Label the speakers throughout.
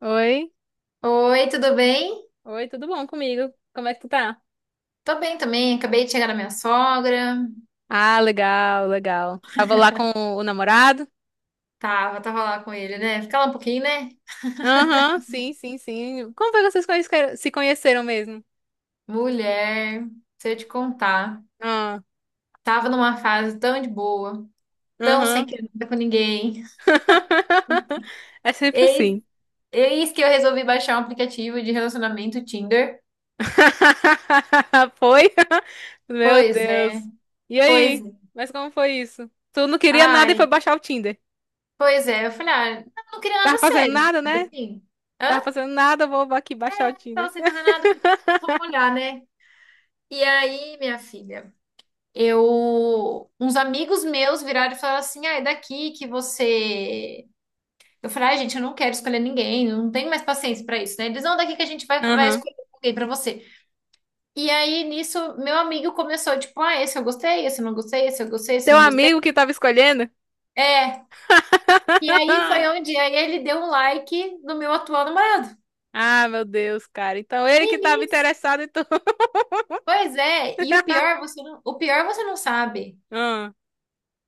Speaker 1: Oi?
Speaker 2: Oi, tudo bem?
Speaker 1: Oi, tudo bom comigo? Como é que tu tá?
Speaker 2: Tô bem também, acabei de chegar da minha sogra.
Speaker 1: Ah, legal, legal. Tava lá com o namorado?
Speaker 2: Tava lá com ele, né? Fica lá um pouquinho, né?
Speaker 1: Aham, sim, sim, sim. Como foi que se conheceram mesmo?
Speaker 2: Mulher, se eu te contar,
Speaker 1: Ah,
Speaker 2: tava numa fase tão de boa, tão sem
Speaker 1: aham.
Speaker 2: querer nada com ninguém.
Speaker 1: É sempre
Speaker 2: Eis,
Speaker 1: assim.
Speaker 2: eis que eu resolvi baixar um aplicativo de relacionamento Tinder.
Speaker 1: Foi? Meu
Speaker 2: Pois é,
Speaker 1: Deus. E
Speaker 2: pois
Speaker 1: aí?
Speaker 2: é.
Speaker 1: Mas como foi isso? Tu não queria nada e foi
Speaker 2: Ai,
Speaker 1: baixar o Tinder.
Speaker 2: pois é. Eu falei, ah, eu não queria
Speaker 1: Tava
Speaker 2: nada
Speaker 1: fazendo
Speaker 2: sério,
Speaker 1: nada,
Speaker 2: sabe
Speaker 1: né?
Speaker 2: assim?
Speaker 1: Tava
Speaker 2: Hã?
Speaker 1: fazendo nada, vou aqui baixar
Speaker 2: Eu
Speaker 1: o
Speaker 2: tava
Speaker 1: Tinder.
Speaker 2: sem fazer nada, eu falei, vamos olhar, né? E aí, minha filha? Uns amigos meus viraram e falaram assim: ah, é daqui que você. Eu falei: ai, gente, eu não quero escolher ninguém, não tenho mais paciência pra isso, né? Eles não, daqui que a gente vai
Speaker 1: Aham.
Speaker 2: escolher alguém pra você. E aí nisso, meu amigo começou: tipo, ah, esse eu gostei, esse eu não gostei, esse eu gostei, esse
Speaker 1: Teu
Speaker 2: eu não gostei.
Speaker 1: amigo que tava escolhendo?
Speaker 2: É. E aí foi
Speaker 1: Ai.
Speaker 2: onde aí ele deu um like no meu atual namorado.
Speaker 1: Ah, meu Deus, cara. Então ele
Speaker 2: E
Speaker 1: que tava
Speaker 2: nisso,
Speaker 1: interessado, então.
Speaker 2: pois é. E o pior, você não, o pior você não sabe.
Speaker 1: Ah,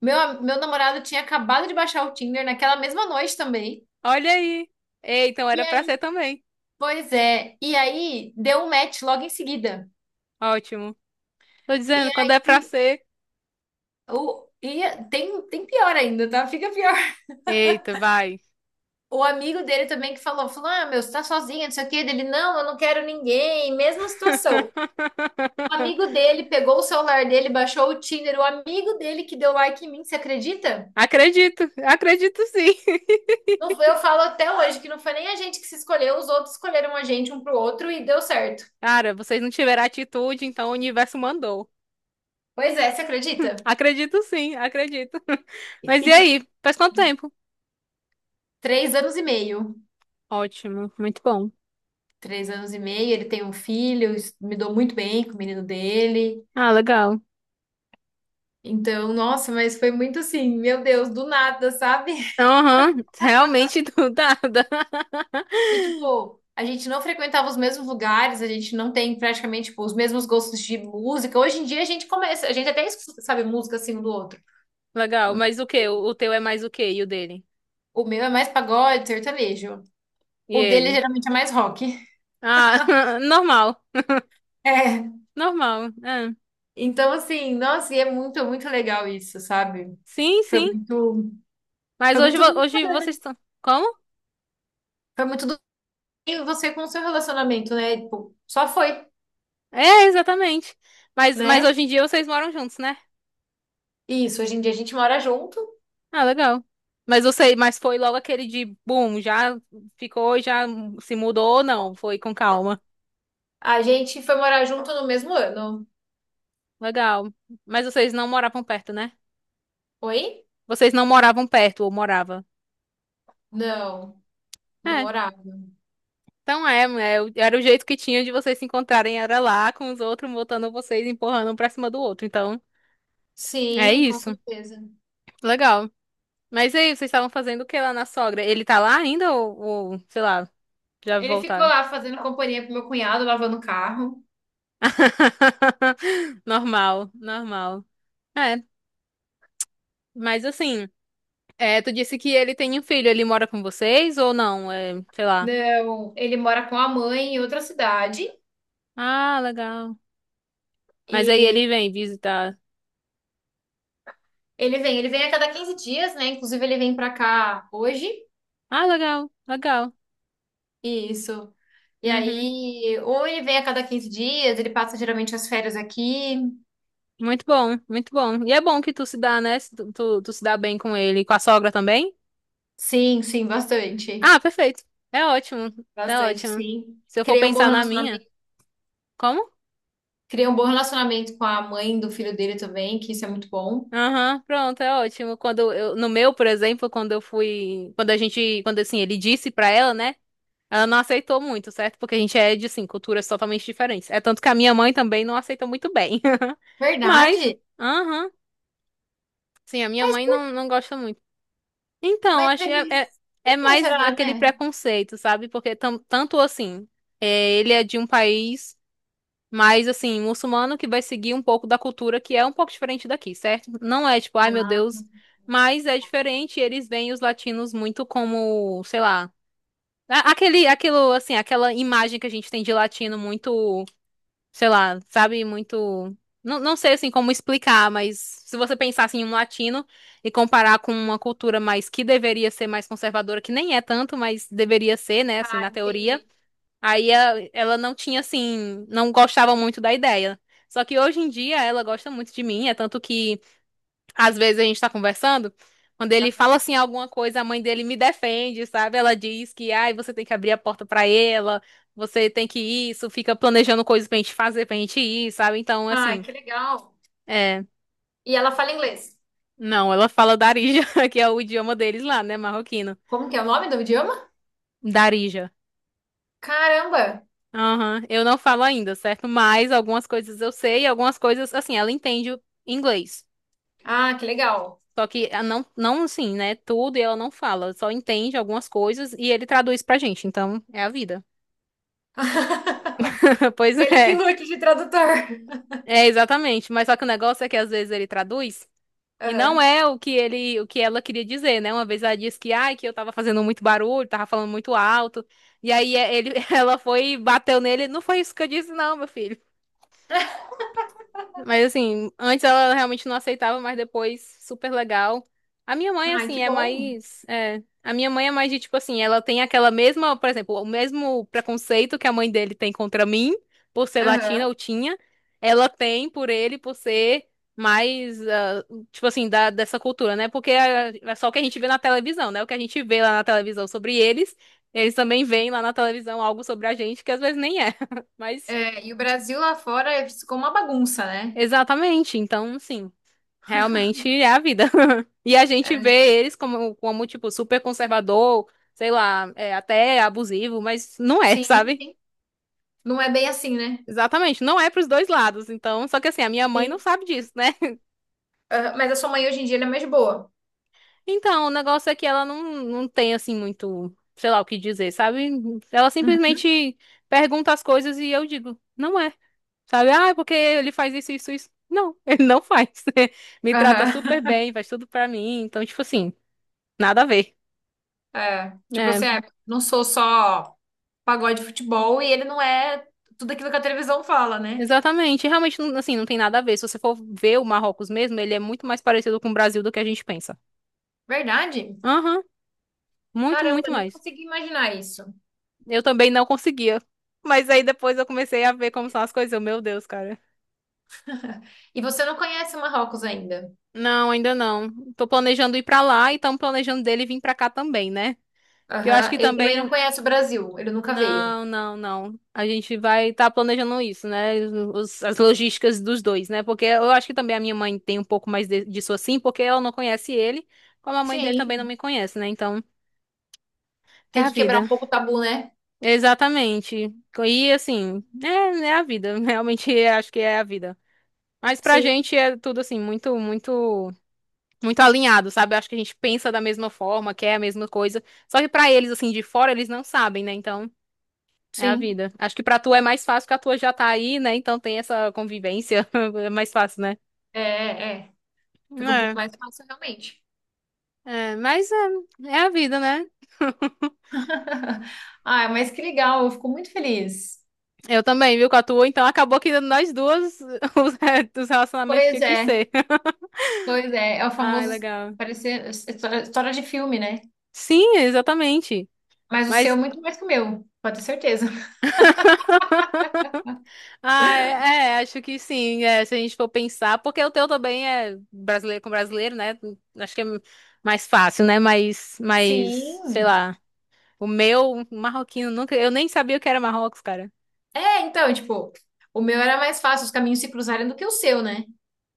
Speaker 2: Meu namorado tinha acabado de baixar o Tinder naquela mesma noite também.
Speaker 1: olha aí. Ei, então
Speaker 2: E
Speaker 1: era pra
Speaker 2: aí
Speaker 1: ser também.
Speaker 2: pois é, e aí deu um match logo em seguida.
Speaker 1: Ótimo. Tô
Speaker 2: E
Speaker 1: dizendo, quando é pra
Speaker 2: aí
Speaker 1: ser.
Speaker 2: o, e tem pior ainda, tá? Fica pior.
Speaker 1: Eita, vai.
Speaker 2: O amigo dele também que falou, falou: "Ah, meu, você tá sozinha, não sei o quê". Ele: "Não, eu não quero ninguém". Mesma situação. O amigo dele pegou o celular dele, baixou o Tinder, o amigo dele que deu like em mim, você acredita?
Speaker 1: Acredito, acredito sim.
Speaker 2: Não foi, eu falo até hoje que não foi nem a gente que se escolheu, os outros escolheram a gente um pro outro e deu certo.
Speaker 1: Cara, vocês não tiveram atitude, então o universo mandou.
Speaker 2: Pois é, você acredita?
Speaker 1: Acredito sim, acredito.
Speaker 2: E,
Speaker 1: Mas
Speaker 2: e
Speaker 1: e
Speaker 2: tipo,
Speaker 1: aí? Faz quanto tempo?
Speaker 2: três anos e meio.
Speaker 1: Ótimo, muito bom.
Speaker 2: Três anos e meio, ele tem um filho, me dou muito bem com o menino dele.
Speaker 1: Ah, legal.
Speaker 2: Então, nossa, mas foi muito assim, meu Deus, do nada, sabe?
Speaker 1: Aham, realmente do nada.
Speaker 2: E tipo, a gente não frequentava os mesmos lugares, a gente não tem praticamente tipo, os mesmos gostos de música. Hoje em dia a gente começa, a gente até escuta, sabe música assim um do outro.
Speaker 1: Legal, mas o quê? O teu é mais o quê? E o dele?
Speaker 2: O meu é mais pagode, sertanejo.
Speaker 1: E
Speaker 2: O dele
Speaker 1: ele?
Speaker 2: geralmente é mais rock.
Speaker 1: Ah, normal.
Speaker 2: É.
Speaker 1: Normal. É.
Speaker 2: Então, assim, nossa, e é muito, muito legal isso, sabe?
Speaker 1: Sim,
Speaker 2: Foi
Speaker 1: sim.
Speaker 2: muito,
Speaker 1: Mas
Speaker 2: foi
Speaker 1: hoje,
Speaker 2: muito do
Speaker 1: hoje vocês estão. Como?
Speaker 2: foi muito do E você com o seu relacionamento, né? Tipo, só foi,
Speaker 1: É, exatamente. Mas
Speaker 2: né?
Speaker 1: hoje em dia vocês moram juntos, né?
Speaker 2: Isso, hoje em dia a gente mora junto.
Speaker 1: Ah, legal. Mas você, mas foi logo aquele de boom, já ficou, já se mudou ou não? Foi com calma.
Speaker 2: A gente foi morar junto no mesmo ano.
Speaker 1: Legal. Mas vocês não moravam perto, né?
Speaker 2: Oi?
Speaker 1: Vocês não moravam perto ou morava?
Speaker 2: Não, não
Speaker 1: É.
Speaker 2: morava.
Speaker 1: Então era o jeito que tinha de vocês se encontrarem, era lá com os outros, botando vocês, empurrando um pra cima do outro. Então, é
Speaker 2: Sim, com
Speaker 1: isso.
Speaker 2: certeza.
Speaker 1: Legal. Mas e aí, vocês estavam fazendo o que lá na sogra? Ele tá lá ainda ou sei lá, já
Speaker 2: Ele ficou
Speaker 1: voltaram?
Speaker 2: lá fazendo companhia pro meu cunhado, lavando o carro.
Speaker 1: Normal, normal. É, mas assim, é, tu disse que ele tem um filho, ele mora com vocês ou não? É, sei lá.
Speaker 2: Não, ele mora com a mãe em outra cidade.
Speaker 1: Ah, legal. Mas aí
Speaker 2: E
Speaker 1: ele vem visitar.
Speaker 2: ele vem a cada 15 dias, né? Inclusive, ele vem pra cá hoje.
Speaker 1: Ah, legal, legal.
Speaker 2: Isso. E
Speaker 1: Uhum.
Speaker 2: aí, ou ele vem a cada 15 dias, ele passa geralmente as férias aqui.
Speaker 1: Muito bom, muito bom. E é bom que tu se dá, né? Se Tu, tu se dá bem com ele. Com a sogra também?
Speaker 2: Sim, sim, bastante.
Speaker 1: Ah, perfeito. É ótimo, é
Speaker 2: Bastante,
Speaker 1: ótimo.
Speaker 2: sim.
Speaker 1: Se eu for
Speaker 2: Criei um bom
Speaker 1: pensar na minha,
Speaker 2: relacionamento,
Speaker 1: como?
Speaker 2: criei um bom relacionamento com a mãe do filho dele também, que isso é muito bom.
Speaker 1: Aham, pronto, é ótimo. Quando eu, no meu, por exemplo, quando eu fui, quando a gente, quando assim, ele disse pra ela, né? Ela não aceitou muito, certo? Porque a gente é de, assim, culturas totalmente diferentes. É tanto que a minha mãe também não aceitou muito bem. Mas,
Speaker 2: Verdade?
Speaker 1: aham, sim, a minha
Speaker 2: Mas,
Speaker 1: mãe
Speaker 2: por-
Speaker 1: não gosta muito. Então,
Speaker 2: mas
Speaker 1: acho que
Speaker 2: eles. Por
Speaker 1: é
Speaker 2: que
Speaker 1: mais
Speaker 2: será,
Speaker 1: aquele
Speaker 2: né?
Speaker 1: preconceito, sabe? Porque tanto assim, é, ele é de um país mais assim, muçulmano que vai seguir um pouco da cultura que é um pouco diferente daqui, certo? Não é tipo, ai meu
Speaker 2: Ah,
Speaker 1: Deus, mas é diferente, eles veem os latinos muito como, sei lá, aquele, aquilo assim, aquela imagem que a gente tem de latino muito sei lá, sabe, muito. Não, não sei assim como explicar, mas se você pensasse em um latino e comparar com uma cultura mais que deveria ser mais conservadora, que nem é tanto, mas deveria ser, né, assim,
Speaker 2: ah,
Speaker 1: na teoria,
Speaker 2: entendi.
Speaker 1: aí ela não tinha assim, não gostava muito da ideia. Só que hoje em dia ela gosta muito de mim, é tanto que às vezes a gente tá conversando, quando ele
Speaker 2: Aham.
Speaker 1: fala assim alguma coisa, a mãe dele me defende, sabe? Ela diz que, ai, você tem que abrir a porta pra ela, você tem que isso, fica planejando coisas pra gente fazer, pra gente ir, sabe? Então,
Speaker 2: Ai,
Speaker 1: assim,
Speaker 2: que legal.
Speaker 1: é.
Speaker 2: E ela fala inglês.
Speaker 1: Não, ela fala Darija, que é o idioma deles lá, né, marroquino.
Speaker 2: Como que é o nome do idioma?
Speaker 1: Darija.
Speaker 2: Caramba!
Speaker 1: Aham, eu não falo ainda, certo? Mas algumas coisas eu sei, algumas coisas, assim, ela entende o inglês.
Speaker 2: Ah, que legal.
Speaker 1: Só que ah, não assim, né? Tudo e ela não fala, só entende algumas coisas e ele traduz pra gente. Então, é a vida. Pois
Speaker 2: Ele que
Speaker 1: é.
Speaker 2: lute de tradutor.
Speaker 1: É, exatamente. Mas só que o negócio é que às vezes ele traduz e não
Speaker 2: Aham.
Speaker 1: é o que ele, o que ela queria dizer, né? Uma vez ela disse que, ai, que eu tava fazendo muito barulho, tava falando muito alto. E aí é, ele, ela foi e bateu nele. Não foi isso que eu disse, não, meu filho. Mas assim, antes ela realmente não aceitava, mas depois super legal. A minha mãe,
Speaker 2: Ai, que
Speaker 1: assim, é
Speaker 2: bom.
Speaker 1: mais. É, a minha mãe é mais de tipo assim, ela tem aquela mesma, por exemplo, o mesmo preconceito que a mãe dele tem contra mim, por ser latina
Speaker 2: Aham.
Speaker 1: ou tinha, ela tem por ele, por ser mais, ah, tipo assim, dessa cultura, né? Porque é só o que a gente vê na televisão, né? O que a gente vê lá na televisão sobre eles, eles também veem lá na televisão algo sobre a gente que às vezes nem é. Mas.
Speaker 2: É, e o Brasil lá fora ficou uma bagunça, né?
Speaker 1: Exatamente, então, sim. Realmente é a vida. E a gente
Speaker 2: É,
Speaker 1: vê eles como, como tipo, super conservador, sei lá, é, até abusivo, mas não é,
Speaker 2: sim.
Speaker 1: sabe?
Speaker 2: Não é bem assim, né?
Speaker 1: Exatamente, não é pros dois lados. Então, só que assim, a minha mãe não
Speaker 2: Sim.
Speaker 1: sabe disso, né?
Speaker 2: Aham, mas a sua mãe hoje em dia ela é mais boa.
Speaker 1: Então, o negócio é que ela não tem, assim, muito, sei lá, o que dizer, sabe? Ela
Speaker 2: Uhum.
Speaker 1: simplesmente pergunta as coisas e eu digo, não é. Sabe? Ah, é porque ele faz isso, isso, isso. Não, ele não faz. Me trata super
Speaker 2: Aham.
Speaker 1: bem, faz tudo pra mim. Então, tipo assim, nada a ver.
Speaker 2: É. Tipo
Speaker 1: É,
Speaker 2: assim, é, não sou só pagode de futebol e ele não é tudo aquilo que a televisão fala, né?
Speaker 1: exatamente. E realmente, assim, não tem nada a ver. Se você for ver o Marrocos mesmo, ele é muito mais parecido com o Brasil do que a gente pensa.
Speaker 2: Verdade?
Speaker 1: Aham, muito,
Speaker 2: Caramba,
Speaker 1: muito
Speaker 2: nem
Speaker 1: mais.
Speaker 2: consegui imaginar isso.
Speaker 1: Eu também não conseguia. Mas aí depois eu comecei a ver como são as coisas. Eu, meu Deus, cara.
Speaker 2: E você não conhece o Marrocos ainda.
Speaker 1: Não, ainda não. Tô planejando ir pra lá e tão planejando dele vir pra cá também, né? Porque eu acho
Speaker 2: Aham.
Speaker 1: que
Speaker 2: Ele também
Speaker 1: também
Speaker 2: não conhece o Brasil, ele nunca veio.
Speaker 1: não, não, não. A gente vai estar planejando isso, né? As logísticas dos dois, né? Porque eu acho que também a minha mãe tem um pouco mais disso assim, porque ela não conhece ele, como a mãe dele também não
Speaker 2: Sim,
Speaker 1: me conhece, né? Então, é
Speaker 2: tem
Speaker 1: a
Speaker 2: que quebrar um
Speaker 1: vida.
Speaker 2: pouco o tabu, né?
Speaker 1: Exatamente. E assim, é, é a vida. Realmente acho que é a vida. Mas pra
Speaker 2: Sim.
Speaker 1: gente é tudo assim, muito alinhado, sabe? Acho que a gente pensa da mesma forma, quer a mesma coisa. Só que pra eles, assim, de fora, eles não sabem, né? Então. É a
Speaker 2: Sim.
Speaker 1: vida. Acho que pra tu é mais fácil que a tua já tá aí, né? Então tem essa convivência. É mais fácil, né?
Speaker 2: É, é. É. Fica um pouco
Speaker 1: É,
Speaker 2: mais fácil, realmente.
Speaker 1: mas é, é a vida, né?
Speaker 2: Ah, mas que legal, eu fico muito feliz.
Speaker 1: Eu também, viu, com a tua. Então acabou que nós duas, os, os relacionamentos
Speaker 2: Pois
Speaker 1: tinham que
Speaker 2: é,
Speaker 1: ser.
Speaker 2: pois é. É o
Speaker 1: Ai,
Speaker 2: famoso
Speaker 1: legal.
Speaker 2: parecer história, história de filme, né?
Speaker 1: Sim, exatamente.
Speaker 2: Mas o seu é
Speaker 1: Mas,
Speaker 2: muito mais que o meu, pode ter certeza.
Speaker 1: ah, é, é, acho que sim, é, se a gente for pensar, porque o teu também é brasileiro com brasileiro, né? Acho que é mais fácil, né? Mas sei
Speaker 2: Sim.
Speaker 1: lá. O meu marroquino nunca. Eu nem sabia o que era Marrocos, cara.
Speaker 2: É, então, tipo, o meu era mais fácil os caminhos se cruzarem do que o seu, né?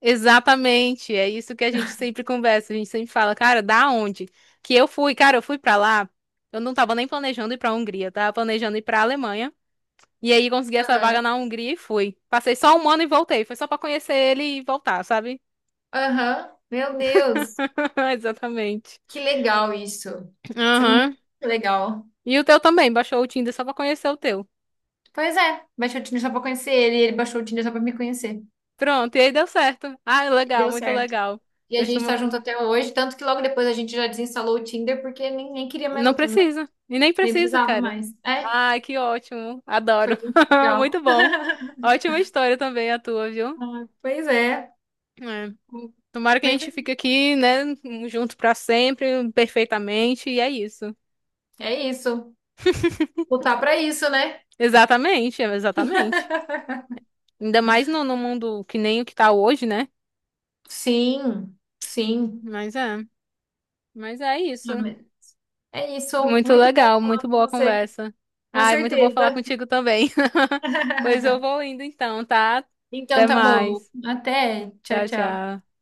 Speaker 1: Exatamente. É isso que a gente sempre conversa. A gente sempre fala, cara, da onde? Que eu fui, cara, eu fui pra lá. Eu não tava nem planejando ir pra Hungria, eu tava planejando ir pra Alemanha. E aí consegui essa vaga
Speaker 2: Aham.
Speaker 1: na Hungria e fui. Passei só um ano e voltei. Foi só pra conhecer ele e voltar, sabe?
Speaker 2: Aham. Meu Deus,
Speaker 1: Exatamente.
Speaker 2: que legal isso. Isso é muito
Speaker 1: Aham.
Speaker 2: legal.
Speaker 1: E o teu também, baixou o Tinder só pra conhecer o teu.
Speaker 2: Pois é, baixou o Tinder só pra conhecer ele, ele baixou o Tinder só pra me conhecer.
Speaker 1: Pronto, e aí deu certo. Ah, legal,
Speaker 2: Deu
Speaker 1: muito
Speaker 2: certo.
Speaker 1: legal.
Speaker 2: E a gente tá junto até hoje, tanto que logo depois a gente já desinstalou o Tinder porque nem queria mais
Speaker 1: Não
Speaker 2: outro, né?
Speaker 1: precisa. E nem
Speaker 2: Nem
Speaker 1: precisa,
Speaker 2: precisava
Speaker 1: cara.
Speaker 2: mais. É?
Speaker 1: Ai, que ótimo. Adoro.
Speaker 2: Foi muito
Speaker 1: Muito
Speaker 2: legal.
Speaker 1: bom. Ótima história também a tua, viu?
Speaker 2: Ah, pois é.
Speaker 1: É. Tomara que a
Speaker 2: Mas é
Speaker 1: gente fique aqui, né, junto pra sempre, perfeitamente, e é isso.
Speaker 2: é isso. Lutar para isso, né?
Speaker 1: Exatamente, é, exatamente. Ainda mais no mundo que nem o que tá hoje, né?
Speaker 2: Sim, sim.
Speaker 1: Mas é, mas é isso.
Speaker 2: Amém. É isso.
Speaker 1: Muito
Speaker 2: Muito bom
Speaker 1: legal,
Speaker 2: falar
Speaker 1: muito
Speaker 2: com
Speaker 1: boa a
Speaker 2: você.
Speaker 1: conversa.
Speaker 2: Com
Speaker 1: Ai, muito bom falar
Speaker 2: certeza.
Speaker 1: contigo também. Pois eu vou indo então, tá? Até
Speaker 2: Então tá bom.
Speaker 1: mais.
Speaker 2: Até. Tchau,
Speaker 1: Tchau,
Speaker 2: tchau.
Speaker 1: tchau.